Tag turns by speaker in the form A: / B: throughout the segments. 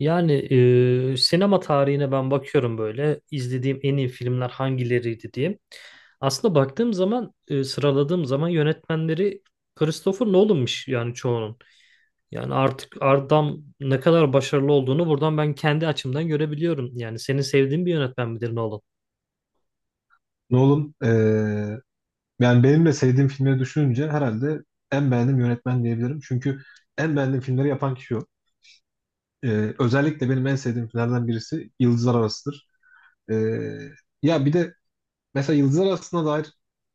A: Yani sinema tarihine ben bakıyorum böyle izlediğim en iyi filmler hangileriydi diye. Aslında baktığım zaman sıraladığım zaman yönetmenleri Christopher Nolan'mış yani çoğunun. Yani artık adam ne kadar başarılı olduğunu buradan ben kendi açımdan görebiliyorum. Yani senin sevdiğin bir yönetmen midir Nolan?
B: Nolan, yani benim de sevdiğim filmleri düşününce herhalde en beğendiğim yönetmen diyebilirim. Çünkü en beğendiğim filmleri yapan kişi o. Özellikle benim en sevdiğim filmlerden birisi Yıldızlar Arası'dır. Eee, ya bir de mesela Yıldızlar Arası'na dair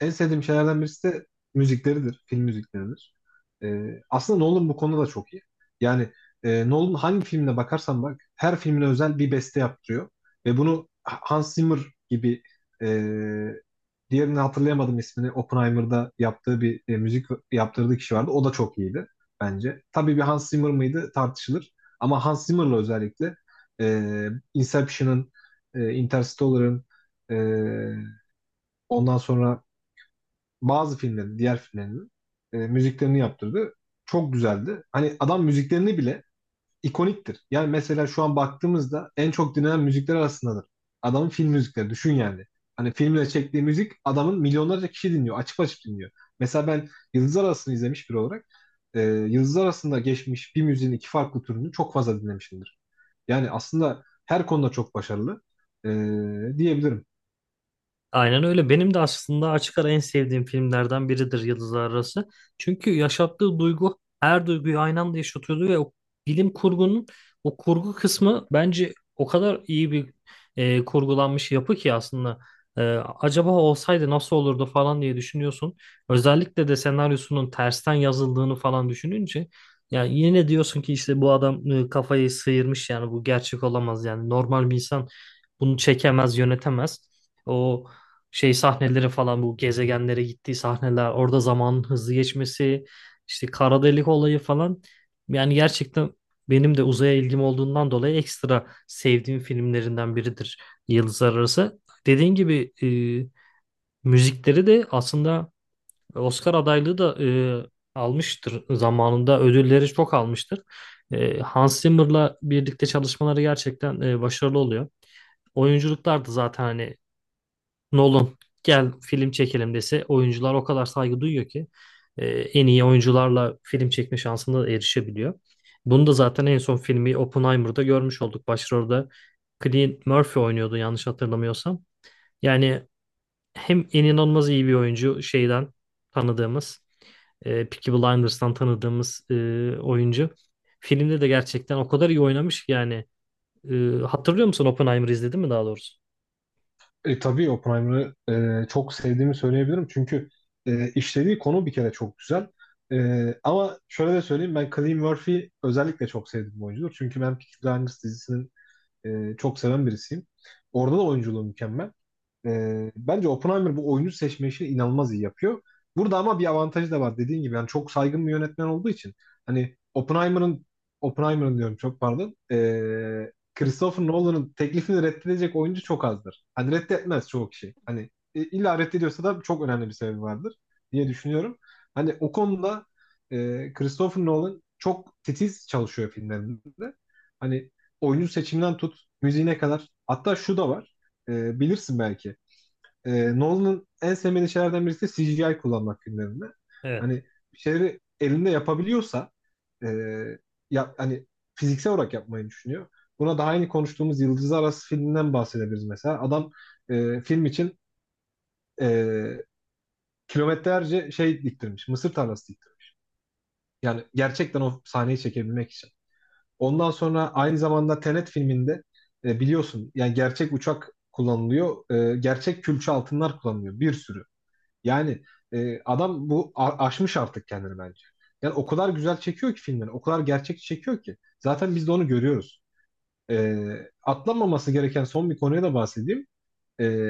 B: en sevdiğim şeylerden birisi de müzikleridir. Film müzikleridir. Aslında Nolan bu konuda da çok iyi. Yani Nolan hangi filmine bakarsan bak her filmine özel bir beste yaptırıyor. Ve bunu Hans Zimmer gibi, e, diğerini hatırlayamadım ismini. Oppenheimer'da yaptığı bir müzik yaptırdığı kişi vardı. O da çok iyiydi bence. Tabii bir Hans Zimmer mıydı tartışılır. Ama Hans Zimmer'la özellikle Inception'ın, Interstellar'ın, e, ondan sonra bazı filmlerin, diğer filmlerinin müziklerini yaptırdı. Çok güzeldi. Hani adam müziklerini bile ikoniktir. Yani mesela şu an baktığımızda en çok dinlenen müzikler arasındadır. Adamın film müzikleri düşün yani. Hani filmle çektiği müzik adamın milyonlarca kişi dinliyor. Açıp açıp dinliyor. Mesela ben Yıldızlar Arası'nı izlemiş biri olarak Yıldızlar Arası'nda geçmiş bir müziğin iki farklı türünü çok fazla dinlemişimdir. Yani aslında her konuda çok başarılı e, diyebilirim.
A: Aynen öyle. Benim de aslında açık ara en sevdiğim filmlerden biridir Yıldızlar Arası. Çünkü yaşattığı duygu her duyguyu aynı anda yaşatıyordu ve o bilim kurgunun o kurgu kısmı bence o kadar iyi bir kurgulanmış yapı ki aslında e, acaba olsaydı nasıl olurdu falan diye düşünüyorsun. Özellikle de senaryosunun tersten yazıldığını falan düşününce yani yine diyorsun ki işte bu adam kafayı sıyırmış yani bu gerçek olamaz, yani normal bir insan bunu çekemez, yönetemez. O şey sahneleri falan, bu gezegenlere gittiği sahneler, orada zamanın hızlı geçmesi, işte kara delik olayı falan, yani gerçekten benim de uzaya ilgim olduğundan dolayı ekstra sevdiğim filmlerinden biridir Yıldızlar Arası. Dediğin gibi müzikleri de aslında Oscar adaylığı da almıştır, zamanında ödülleri çok almıştır. Hans Zimmer'la birlikte çalışmaları gerçekten başarılı oluyor. Oyunculuklar da zaten, hani Nolan gel film çekelim dese oyuncular o kadar saygı duyuyor ki en iyi oyuncularla film çekme şansına da erişebiliyor. Bunu da zaten en son filmi Oppenheimer'da görmüş olduk. Başrolde Cillian Murphy oynuyordu yanlış hatırlamıyorsam. Yani hem en inanılmaz iyi bir oyuncu, şeyden tanıdığımız, Peaky Blinders'tan tanıdığımız oyuncu. Filmde de gerçekten o kadar iyi oynamış ki yani. E, hatırlıyor musun Oppenheimer'ı, izledin mi daha doğrusu?
B: Tabii Oppenheimer'ı çok sevdiğimi söyleyebilirim. Çünkü işlediği konu bir kere çok güzel. Ama şöyle de söyleyeyim ben Cillian Murphy'yi özellikle çok sevdiğim bir oyuncudur. Çünkü ben Peaky Blinders dizisinin çok seven birisiyim. Orada da oyunculuğu mükemmel. Bence Oppenheimer bu oyuncu seçme işini inanılmaz iyi yapıyor. Burada ama bir avantajı da var dediğin gibi. Yani çok saygın bir yönetmen olduğu için hani Oppenheimer'ın diyorum çok pardon. Christopher Nolan'ın teklifini reddedecek oyuncu çok azdır. Hani reddetmez çoğu kişi. Hani illa reddediyorsa da çok önemli bir sebebi vardır diye düşünüyorum. Hani o konuda Christopher Nolan çok titiz çalışıyor filmlerinde. Hani oyuncu seçiminden tut müziğine kadar. Hatta şu da var. Bilirsin belki. Nolan'ın en sevmediği şeylerden birisi de CGI kullanmak filmlerinde.
A: Evet.
B: Hani bir şeyleri elinde yapabiliyorsa e, ya, hani fiziksel olarak yapmayı düşünüyor. Buna daha yeni konuştuğumuz Yıldızlar Arası filminden bahsedebiliriz mesela. Adam film için e, kilometrelerce şey diktirmiş. Mısır tarlası diktirmiş. Yani gerçekten o sahneyi çekebilmek için. Ondan sonra aynı zamanda Tenet filminde biliyorsun yani gerçek uçak kullanılıyor. Gerçek külçe altınlar kullanılıyor. Bir sürü. Yani adam aşmış artık kendini bence. Yani o kadar güzel çekiyor ki filmleri, o kadar gerçekçi çekiyor ki. Zaten biz de onu görüyoruz. E, atlanmaması gereken son bir konuya da bahsedeyim. E,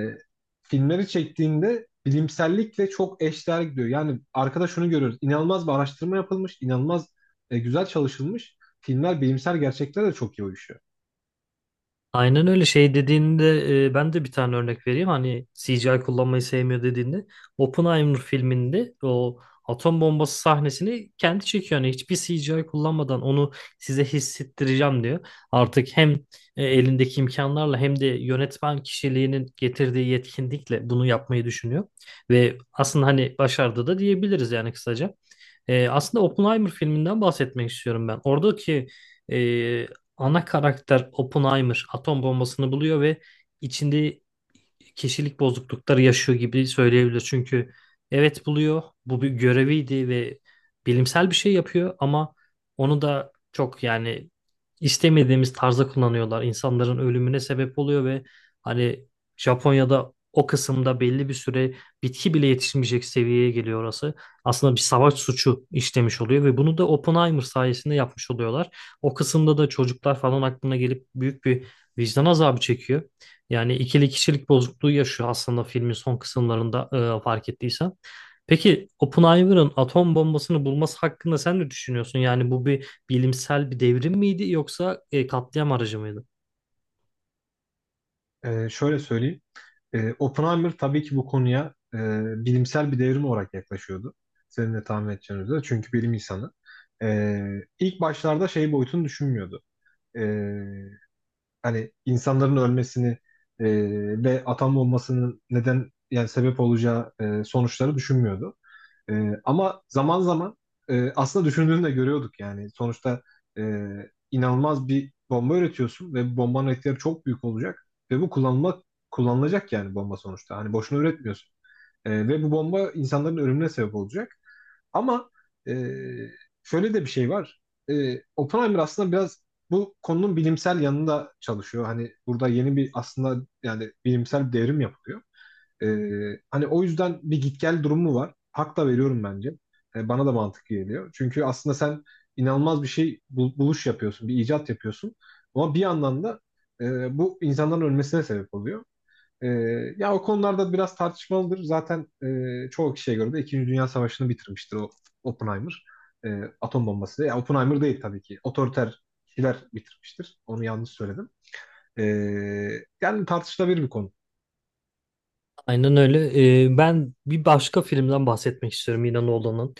B: filmleri çektiğinde bilimsellikle çok eşdeğer gidiyor. Yani arkada şunu görüyoruz. İnanılmaz bir araştırma yapılmış, inanılmaz güzel çalışılmış. Filmler bilimsel gerçeklere de çok iyi uyuşuyor.
A: Aynen öyle, şey dediğinde ben de bir tane örnek vereyim. Hani CGI kullanmayı sevmiyor dediğinde Oppenheimer filminde o atom bombası sahnesini kendi çekiyor. Yani hiçbir CGI kullanmadan onu size hissettireceğim diyor. Artık hem elindeki imkanlarla hem de yönetmen kişiliğinin getirdiği yetkinlikle bunu yapmayı düşünüyor. Ve aslında hani başardı da diyebiliriz, yani kısaca. Aslında Oppenheimer filminden bahsetmek istiyorum ben. Oradaki e, ana karakter Oppenheimer atom bombasını buluyor ve içinde kişilik bozuklukları yaşıyor gibi söyleyebilir. Çünkü evet buluyor, bu bir göreviydi ve bilimsel bir şey yapıyor ama onu da çok, yani istemediğimiz tarzda kullanıyorlar. İnsanların ölümüne sebep oluyor ve hani Japonya'da o kısımda belli bir süre bitki bile yetişmeyecek seviyeye geliyor orası. Aslında bir savaş suçu işlemiş oluyor ve bunu da Oppenheimer sayesinde yapmış oluyorlar. O kısımda da çocuklar falan aklına gelip büyük bir vicdan azabı çekiyor. Yani ikili kişilik bozukluğu yaşıyor aslında filmin son kısımlarında, fark ettiysen. Peki Oppenheimer'ın atom bombasını bulması hakkında sen ne düşünüyorsun? Yani bu bir bilimsel bir devrim miydi yoksa katliam aracı mıydı?
B: Şöyle söyleyeyim. Oppenheimer tabii ki bu konuya bilimsel bir devrim olarak yaklaşıyordu. Senin de tahmin edeceğin üzere. Çünkü bilim insanı. E, ilk başlarda şey boyutunu düşünmüyordu. E, hani insanların ölmesini e, ve atom bombasının neden yani sebep olacağı sonuçları düşünmüyordu. Ama zaman zaman aslında düşündüğünü de görüyorduk yani. Sonuçta e, inanılmaz bir bomba üretiyorsun ve bu bombanın etkileri çok büyük olacak ve bu kullanılmak kullanılacak yani bomba sonuçta. Hani boşuna üretmiyorsun. Ve bu bomba insanların ölümüne sebep olacak. Ama e, şöyle de bir şey var. Oppenheimer aslında biraz bu konunun bilimsel yanında çalışıyor. Hani burada yeni bir aslında yani bilimsel bir devrim yapılıyor. Hani o yüzden bir git gel durumu var. Hak da veriyorum bence. Bana da mantıklı geliyor. Çünkü aslında sen inanılmaz bir buluş yapıyorsun, bir icat yapıyorsun. Ama bir yandan da bu insanların ölmesine sebep oluyor. Ee, ya o konularda biraz tartışmalıdır. Zaten çoğu kişiye göre de İkinci Dünya Savaşı'nı bitirmiştir o Oppenheimer. Atom bombası. Ya Oppenheimer değil tabii ki. Otoriter kişiler bitirmiştir. Onu yanlış söyledim. Ee, yani tartışılabilir bir konu.
A: Aynen öyle. Ben bir başka filmden bahsetmek istiyorum yine Nolan'ın.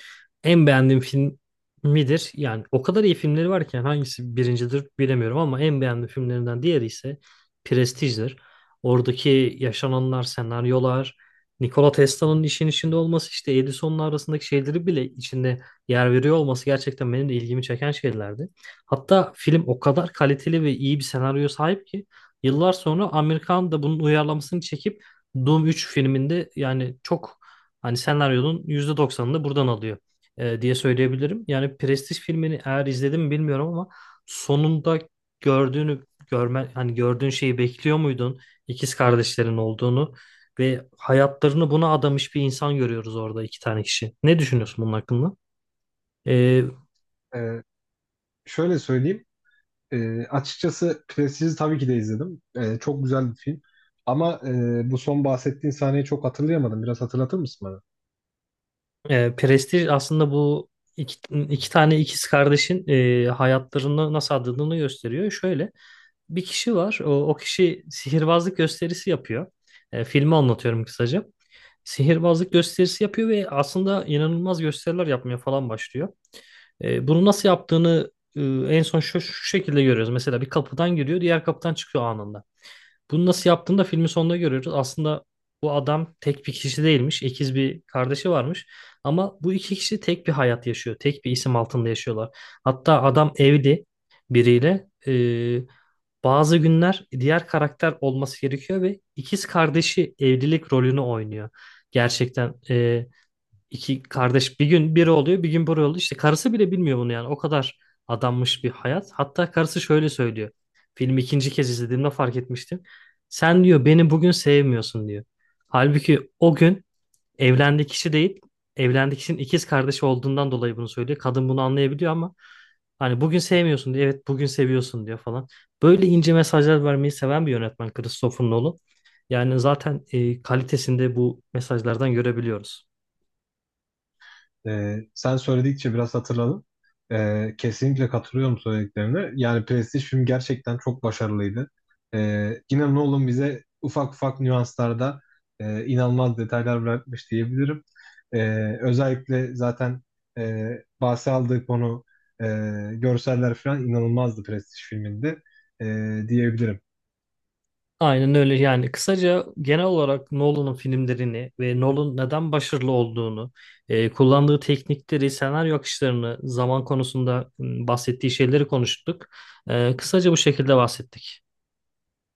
A: En beğendiğim film midir? Yani o kadar iyi filmleri var ki yani hangisi birincidir bilemiyorum ama en beğendiğim filmlerinden diğeri ise Prestige'dir. Oradaki yaşananlar, senaryolar, Nikola Tesla'nın işin içinde olması, işte Edison'la arasındaki şeyleri bile içinde yer veriyor olması gerçekten benim de ilgimi çeken şeylerdi. Hatta film o kadar kaliteli ve iyi bir senaryo sahip ki yıllar sonra Amerikan da bunun uyarlamasını çekip Doom 3 filminde, yani çok hani senaryonun %90'ını buradan alıyor diye söyleyebilirim. Yani Prestige filmini eğer izledim mi bilmiyorum, ama sonunda gördüğünü, görme, hani gördüğün şeyi bekliyor muydun? İkiz kardeşlerin olduğunu ve hayatlarını buna adamış bir insan görüyoruz orada, iki tane kişi. Ne düşünüyorsun bunun hakkında? E,
B: Ee, şöyle söyleyeyim. Açıkçası Prestige'i tabii ki de izledim. Çok güzel bir film. Ama bu son bahsettiğin sahneyi çok hatırlayamadım. Biraz hatırlatır mısın?
A: Prestige aslında bu iki, iki tane ikiz kardeşin hayatlarını nasıl adadığını gösteriyor. Şöyle bir kişi var. O kişi sihirbazlık gösterisi yapıyor. Filmi anlatıyorum kısaca. Sihirbazlık gösterisi yapıyor ve aslında inanılmaz gösteriler yapmaya falan başlıyor. Bunu nasıl yaptığını en son şu şekilde görüyoruz. Mesela bir kapıdan giriyor, diğer kapıdan çıkıyor anında. Bunu nasıl yaptığını da filmin sonunda görüyoruz. Aslında bu adam tek bir kişi değilmiş. İkiz bir kardeşi varmış. Ama bu iki kişi tek bir hayat yaşıyor. Tek bir isim altında yaşıyorlar. Hatta adam evli biriyle. Bazı günler diğer karakter olması gerekiyor ve ikiz kardeşi evlilik rolünü oynuyor. Gerçekten iki kardeş bir gün biri oluyor bir gün biri oluyor. İşte karısı bile bilmiyor bunu, yani o kadar adanmış bir hayat. Hatta karısı şöyle söylüyor. Filmi ikinci kez izlediğimde fark etmiştim. Sen diyor beni bugün sevmiyorsun diyor. Halbuki o gün evlendiği kişi değil, evlendiği kişinin ikiz kardeşi olduğundan dolayı bunu söylüyor. Kadın bunu anlayabiliyor ama hani bugün sevmiyorsun diyor, evet bugün seviyorsun diyor falan. Böyle ince mesajlar vermeyi seven bir yönetmen Christopher Nolan. Yani zaten kalitesinde bu mesajlardan görebiliyoruz.
B: Sen söyledikçe biraz hatırladım. Kesinlikle katılıyorum söylediklerine. Yani Prestige film gerçekten çok başarılıydı. Yine Nolan bize ufak ufak nüanslarda inanılmaz detaylar bırakmış diyebilirim. Özellikle zaten e, bahse aldığı konu, e, görseller falan inanılmazdı Prestige filminde e, diyebilirim.
A: Aynen öyle. Yani kısaca genel olarak Nolan'ın filmlerini ve Nolan neden başarılı olduğunu, kullandığı teknikleri, senaryo akışlarını, zaman konusunda bahsettiği şeyleri konuştuk. Kısaca bu şekilde bahsettik.